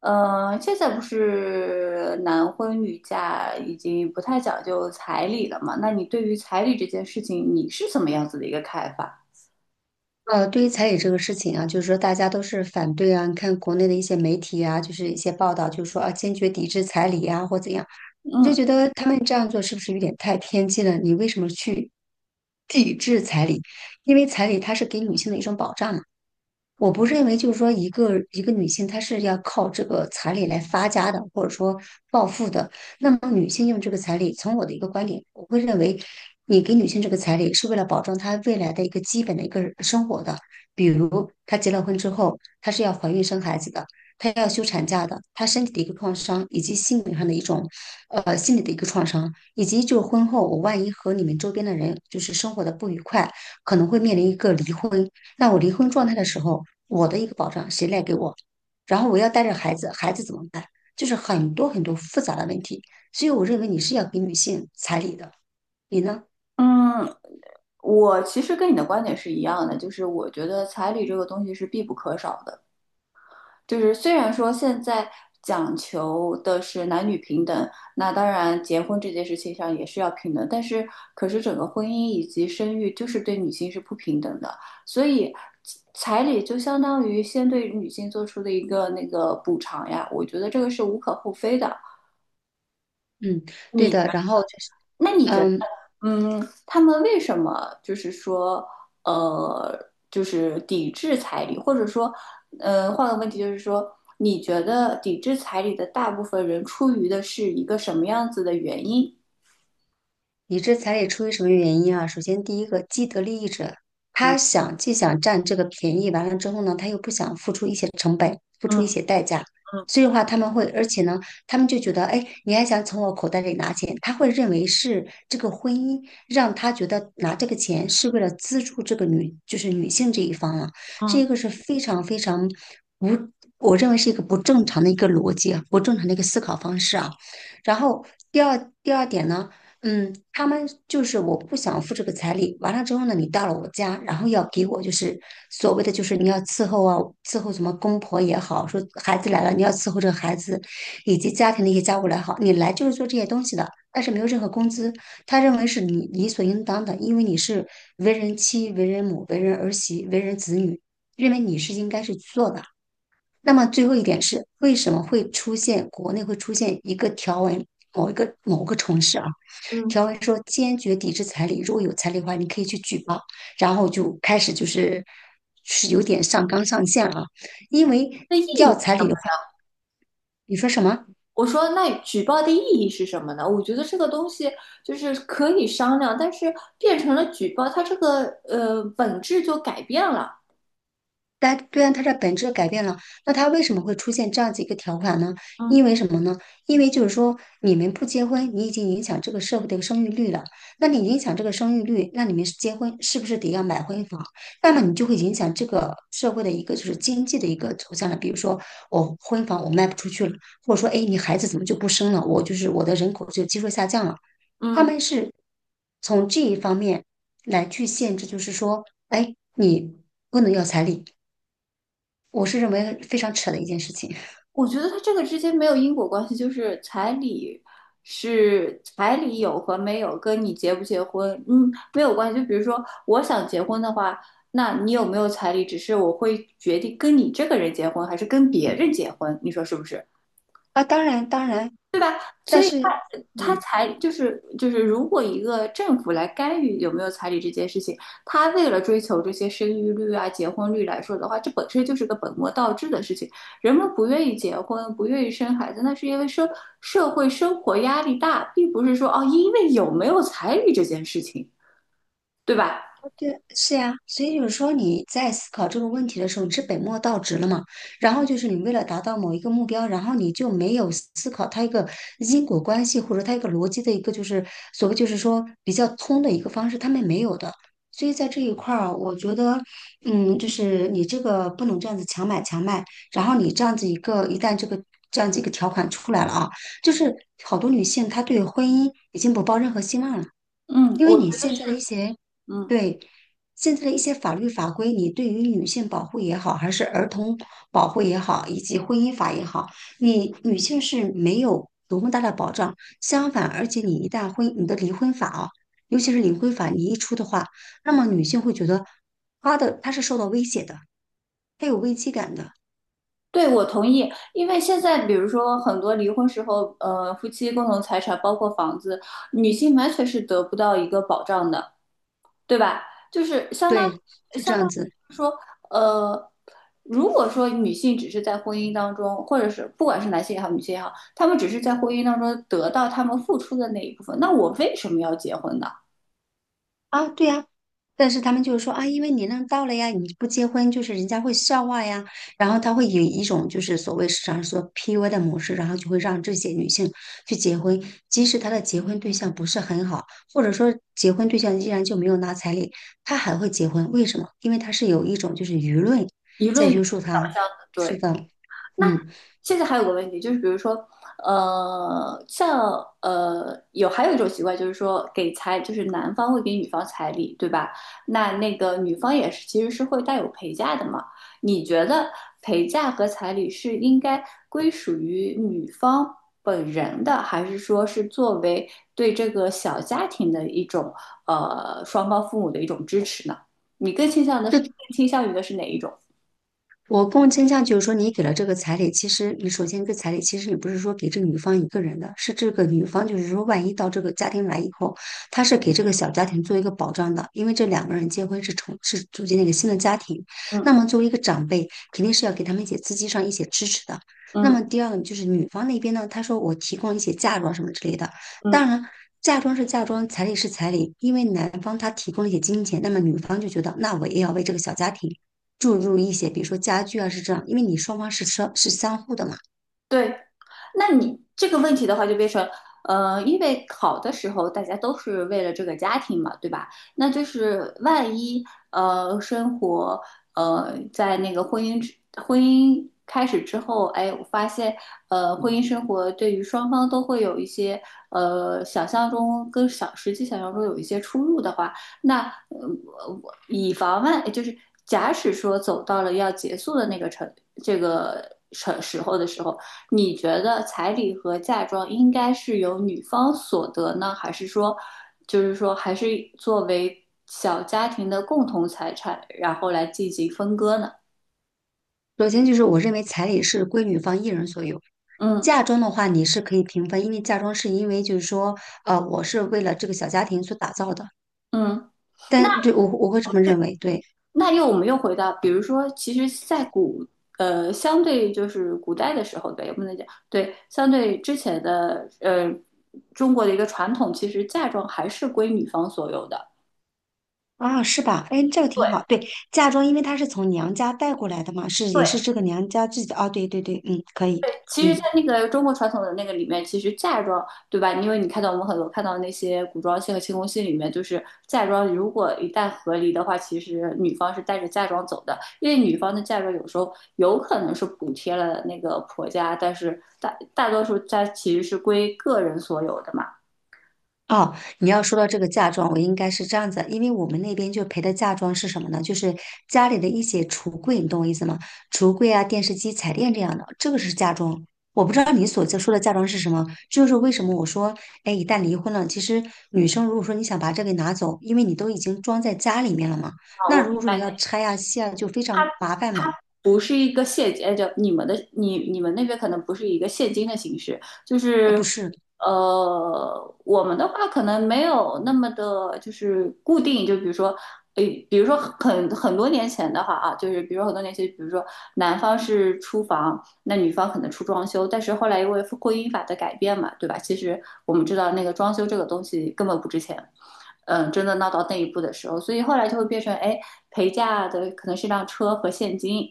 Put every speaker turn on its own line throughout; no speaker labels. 现在不是男婚女嫁已经不太讲究彩礼了嘛？那你对于彩礼这件事情，你是怎么样子的一个看法？
对于彩礼这个事情啊，就是说大家都是反对啊。你看国内的一些媒体啊，就是一些报道，就是说啊，坚决抵制彩礼啊，或怎样，你就
嗯
觉得他们这样做是不是有点太偏激了？你为什么去抵制彩礼？因为彩礼它是给女性的一种保障嘛。我不认为就是说一个女性她是要靠这个彩礼来发家的，或者说暴富的。那么女性用这个彩礼，从我的一个观点，我会认为，你给女性这个彩礼是为了保证她未来的一个基本的一个生活的，比如她结了婚之后，她是要怀孕生孩子的，她要休产假的，她身体的一个创伤，以及心理上的一种心理的一个创伤，以及就是婚后我万一和你们周边的人就是生活的不愉快，可能会面临一个离婚。那我离婚状态的时候，我的一个保障谁来给我？然后我要带着孩子，孩子怎么办？就是很多很多复杂的问题，所以我认为你是要给女性彩礼的，你呢？
嗯。我其实跟你的观点是一样的，就是我觉得彩礼这个东西是必不可少的。就是虽然说现在讲求的是男女平等，那当然结婚这件事情上也是要平等，但是可是整个婚姻以及生育就是对女性是不平等的，所以彩礼就相当于先对女性做出的一个那个补偿呀，我觉得这个是无可厚非的。
嗯，对
你，
的。然后就是
那你觉
嗯，
嗯，他们为什么就是说，就是抵制彩礼，或者说，换个问题就是说，你觉得抵制彩礼的大部分人出于的是一个什么样子的原因？
理智彩礼出于什么原因啊？首先，第一个既得利益者，他
嗯，
想既想占这个便宜，完了之后呢，他又不想付出一些成本，付
嗯，
出一些代价，
嗯，
所以的话他们会，而且呢，他们就觉得，哎，你还想从我口袋里拿钱？他会认为是这个婚姻让他觉得拿这个钱是为了资助这个女，就是女性这一方了、
嗯，
这个是非常非常不，我认为是一个不正常的一个逻辑啊，不正常的一个思考方式啊。然后第二点呢？嗯，他们就是我不想付这个彩礼。完了之后呢，你到了我家，然后要给我就是所谓的就是你要伺候啊，伺候什么公婆也好，说孩子来了你要伺候这个孩子，以及家庭的一些家务来好，你来就是做这些东西的，但是没有任何工资。他认为是你理所应当的，因为你是为人妻、为人母、为人儿媳、为人子女，认为你是应该是去做的。那么最后一点是，为什么会出现国内会出现一个条文，某一个某个城市啊？
嗯，
条文说坚决抵制彩礼，如果有彩礼的话，你可以去举报。然后就开始就是是有点上纲上线了啊，因为
那意
要
义，
彩礼的话，你说什么？
我说那举报的意义是什么呢？我觉得这个东西就是可以商量，但是变成了举报，它这个本质就改变了。
但对啊，它的本质改变了。那它为什么会出现这样子一个条款呢？
嗯
因为什么呢？因为就是说，你们不结婚，你已经影响这个社会的一个生育率了。那你影响这个生育率，那你们是结婚是不是得要买婚房？那么你就会影响这个社会的一个就是经济的一个走向了。比如说，我婚房我卖不出去了，或者说，哎，你孩子怎么就不生了？我就是我的人口就基数下降了。他
嗯。
们是从这一方面来去限制，就是说，哎，你不能要彩礼。我是认为非常扯的一件事情
我觉得它这个之间没有因果关系，就是彩礼有和没有跟你结不结婚，嗯，没有关系。就比如说我想结婚的话，那你有没有彩礼，只是我会决定跟你这个人结婚还是跟别人结婚，你说是不是？
啊。当然，当然，但是，
他
嗯，
彩就是就是，如果一个政府来干预有没有彩礼这件事情，他为了追求这些生育率啊、结婚率来说的话，这本身就是个本末倒置的事情。人们不愿意结婚，不愿意生孩子，那是因为社会生活压力大，并不是说哦，因为有没有彩礼这件事情，对吧？
对，是呀，所以就是说你在思考这个问题的时候，你是本末倒置了嘛？然后就是你为了达到某一个目标，然后你就没有思考它一个因果关系，或者它一个逻辑的一个就是所谓就是说比较通的一个方式，他们没有的。所以在这一块儿，我觉得，嗯，就是你这个不能这样子强买强卖，然后你这样子一个一旦这个这样子一个条款出来了啊，就是好多女性她对婚姻已经不抱任何希望了。
嗯，
因为
我觉
你
得
现在的
是，
一些，
嗯，
对，现在的一些法律法规，你对于女性保护也好，还是儿童保护也好，以及婚姻法也好，你女性是没有多么大的保障。相反，而且你一旦婚，你的离婚法啊，尤其是离婚法，你一出的话，那么女性会觉得她的她是受到威胁的，她有危机感的。
对，我同意，因为现在比如说很多离婚时候，夫妻共同财产包括房子，女性完全是得不到一个保障的。对吧？就是
对，是这
相当
样子。
于说，呃，如果说女性只是在婚姻当中，或者是不管是男性也好，女性也好，他们只是在婚姻当中得到他们付出的那一部分，那我为什么要结婚呢？
啊，对呀，但是他们就是说啊，因为年龄到了呀，你不结婚就是人家会笑话呀，然后他会以一种就是所谓市场上说 PUA 的模式，然后就会让这些女性去结婚，即使她的结婚对象不是很好，或者说结婚对象依然就没有拿彩礼，她还会结婚，为什么？因为她是有一种就是舆论
一
在
论
约束
导
她。
向的，
是
对。
的，
那
嗯。
现在还有个问题，就是比如说，还有一种习惯，就是说就是男方会给女方彩礼，对吧？那那个女方也是，其实是会带有陪嫁的嘛。你觉得陪嫁和彩礼是应该归属于女方本人的，还是说是作为对这个小家庭的一种双方父母的一种支持呢？你更倾向于的是哪一种？
我更倾向就是说，你给了这个彩礼，其实你首先这个彩礼，其实你不是说给这个女方一个人的，是这个女方就是说，万一到这个家庭来以后，她是给这个小家庭做一个保障的，因为这两个人结婚是组建了一个新的家庭，那么
嗯。
作为一个长辈，肯定是要给他们一些资金上一些支持的。那
嗯。
么第二个就是女方那边呢，她说我提供一些嫁妆什么之类的，
嗯。
当然。嫁妆是嫁妆，彩礼是彩礼，因为男方他提供了一些金钱，那么女方就觉得，那我也要为这个小家庭注入一些，比如说家具啊，是这样，因为你双方是相互的嘛。
对，那你这个问题的话，就变成，因为考的时候大家都是为了这个家庭嘛，对吧？那就是万一，生活，在那个婚姻开始之后，哎，我发现，婚姻生活对于双方都会有一些，想象中跟想实际想象中有一些出入的话，那，呃，我以防万，就是假使说走到了要结束的那个程这个时候的时候。你觉得彩礼和嫁妆应该是由女方所得呢，还是说，还是作为小家庭的共同财产，然后来进行分割呢？
首先就是我认为彩礼是归女方一人所有，
嗯。
嫁妆的话你是可以平分，因为嫁妆是因为就是说，我是为了这个小家庭所打造的，
嗯。那
但对我我会这么认为，对。
我们又回到，比如说，其实，相对就是古代的时候，对，我们能讲，对，相对之前的中国的一个传统，其实嫁妆还是归女方所有的。
啊，是吧？哎，这个挺好。
对，
对，嫁妆因为它是从娘家带过来的嘛，是也
对，
是这个娘家自己的。哦，对对对，嗯，可以，
对，其实，在
嗯。
那个中国传统的那个里面，其实嫁妆，对吧？因为你看到我们看到那些古装戏和清宫戏里面，就是嫁妆，如果一旦和离的话，其实女方是带着嫁妆走的，因为女方的嫁妆有时候有可能是补贴了那个婆家，但是大多数家其实是归个人所有的嘛。
哦，你要说到这个嫁妆，我应该是这样子，因为我们那边就陪的嫁妆是什么呢？就是家里的一些橱柜，你懂我意思吗？橱柜啊、电视机、彩电这样的，这个是嫁妆。我不知道你所在说的嫁妆是什么，这就是为什么我说，哎，一旦离婚了，其实女生如果说你想把这个拿走，因为你都已经装在家里面了嘛，
啊，
那
我
如
明
果说你要
白，
拆啊、卸啊，就非常麻烦嘛。
不是一个现金，哎，就你们的你们那边可能不是一个现金的形式，就
不
是
是，
我们的话可能没有那么的，就是固定，就比如说。诶，比如说很多年前的话啊，就是比如说很多年前，比如说男方是出房，那女方可能出装修，但是后来因为婚姻法的改变嘛，对吧？其实我们知道那个装修这个东西根本不值钱，嗯，真的闹到那一步的时候，所以后来就会变成，哎，陪嫁的可能是辆车和现金，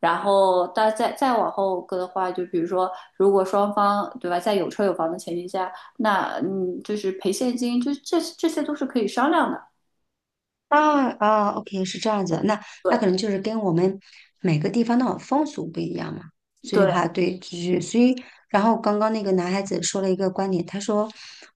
然后，但再往后搁的话，就比如说，如果双方对吧，在有车有房的前提下，那嗯，就是赔现金，这些都是可以商量的。
啊啊，OK,是这样子，那那
对，
可能就是跟我们每个地方的风俗不一样嘛，所以的
对，
话，对，就是所以，然后刚刚那个男孩子说了一个观点，他说，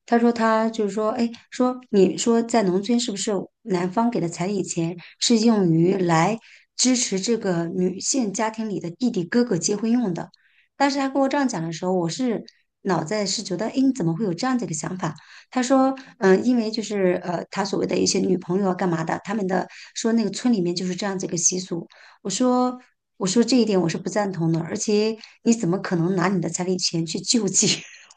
他说他就是说，哎，说你说在农村是不是男方给的彩礼钱是用于来支持这个女性家庭里的弟弟哥哥结婚用的？当时他跟我这样讲的时候，我是脑袋是觉得，哎，你怎么会有这样的一个想法？他说，嗯，因为就是他所谓的一些女朋友啊，干嘛的，他们的说那个村里面就是这样子一个习俗。我说，我说这一点我是不赞同的，而且你怎么可能拿你的彩礼钱去救济？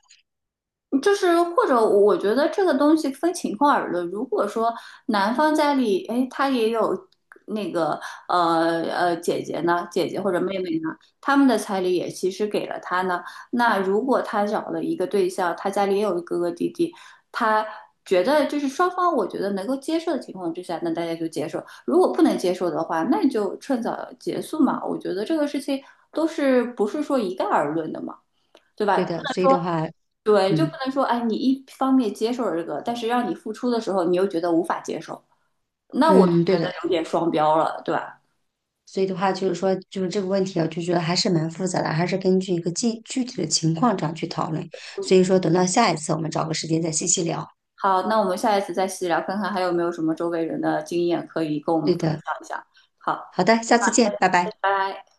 就是或者我觉得这个东西分情况而论。如果说男方家里，哎，他也有那个姐姐呢，姐姐或者妹妹呢，他们的彩礼也其实给了他呢。那如果他找了一个对象，他家里也有一个哥哥弟弟，他觉得就是双方我觉得能够接受的情况之下，那大家就接受；如果不能接受的话，那你就趁早结束嘛。我觉得这个事情不是说一概而论的嘛。对吧？
对的，所以的话，
对，就不
嗯
能说，哎，你一方面接受这个，但是让你付出的时候，你又觉得无法接受，那我就
嗯，对
觉得
的，
有点双标了，对吧？
所以的话就是说，就是这个问题啊，就觉得还是蛮复杂的，还是根据一个具体的情况这样去讨论。
嗯。
所以说，等到下一次我们找个时间再细细聊。
好，那我们下一次再细聊，看看还有没有什么周围人的经验可以跟我们
对
分
的，
享一下。好，
好的，下次见，拜
拜
拜。
拜。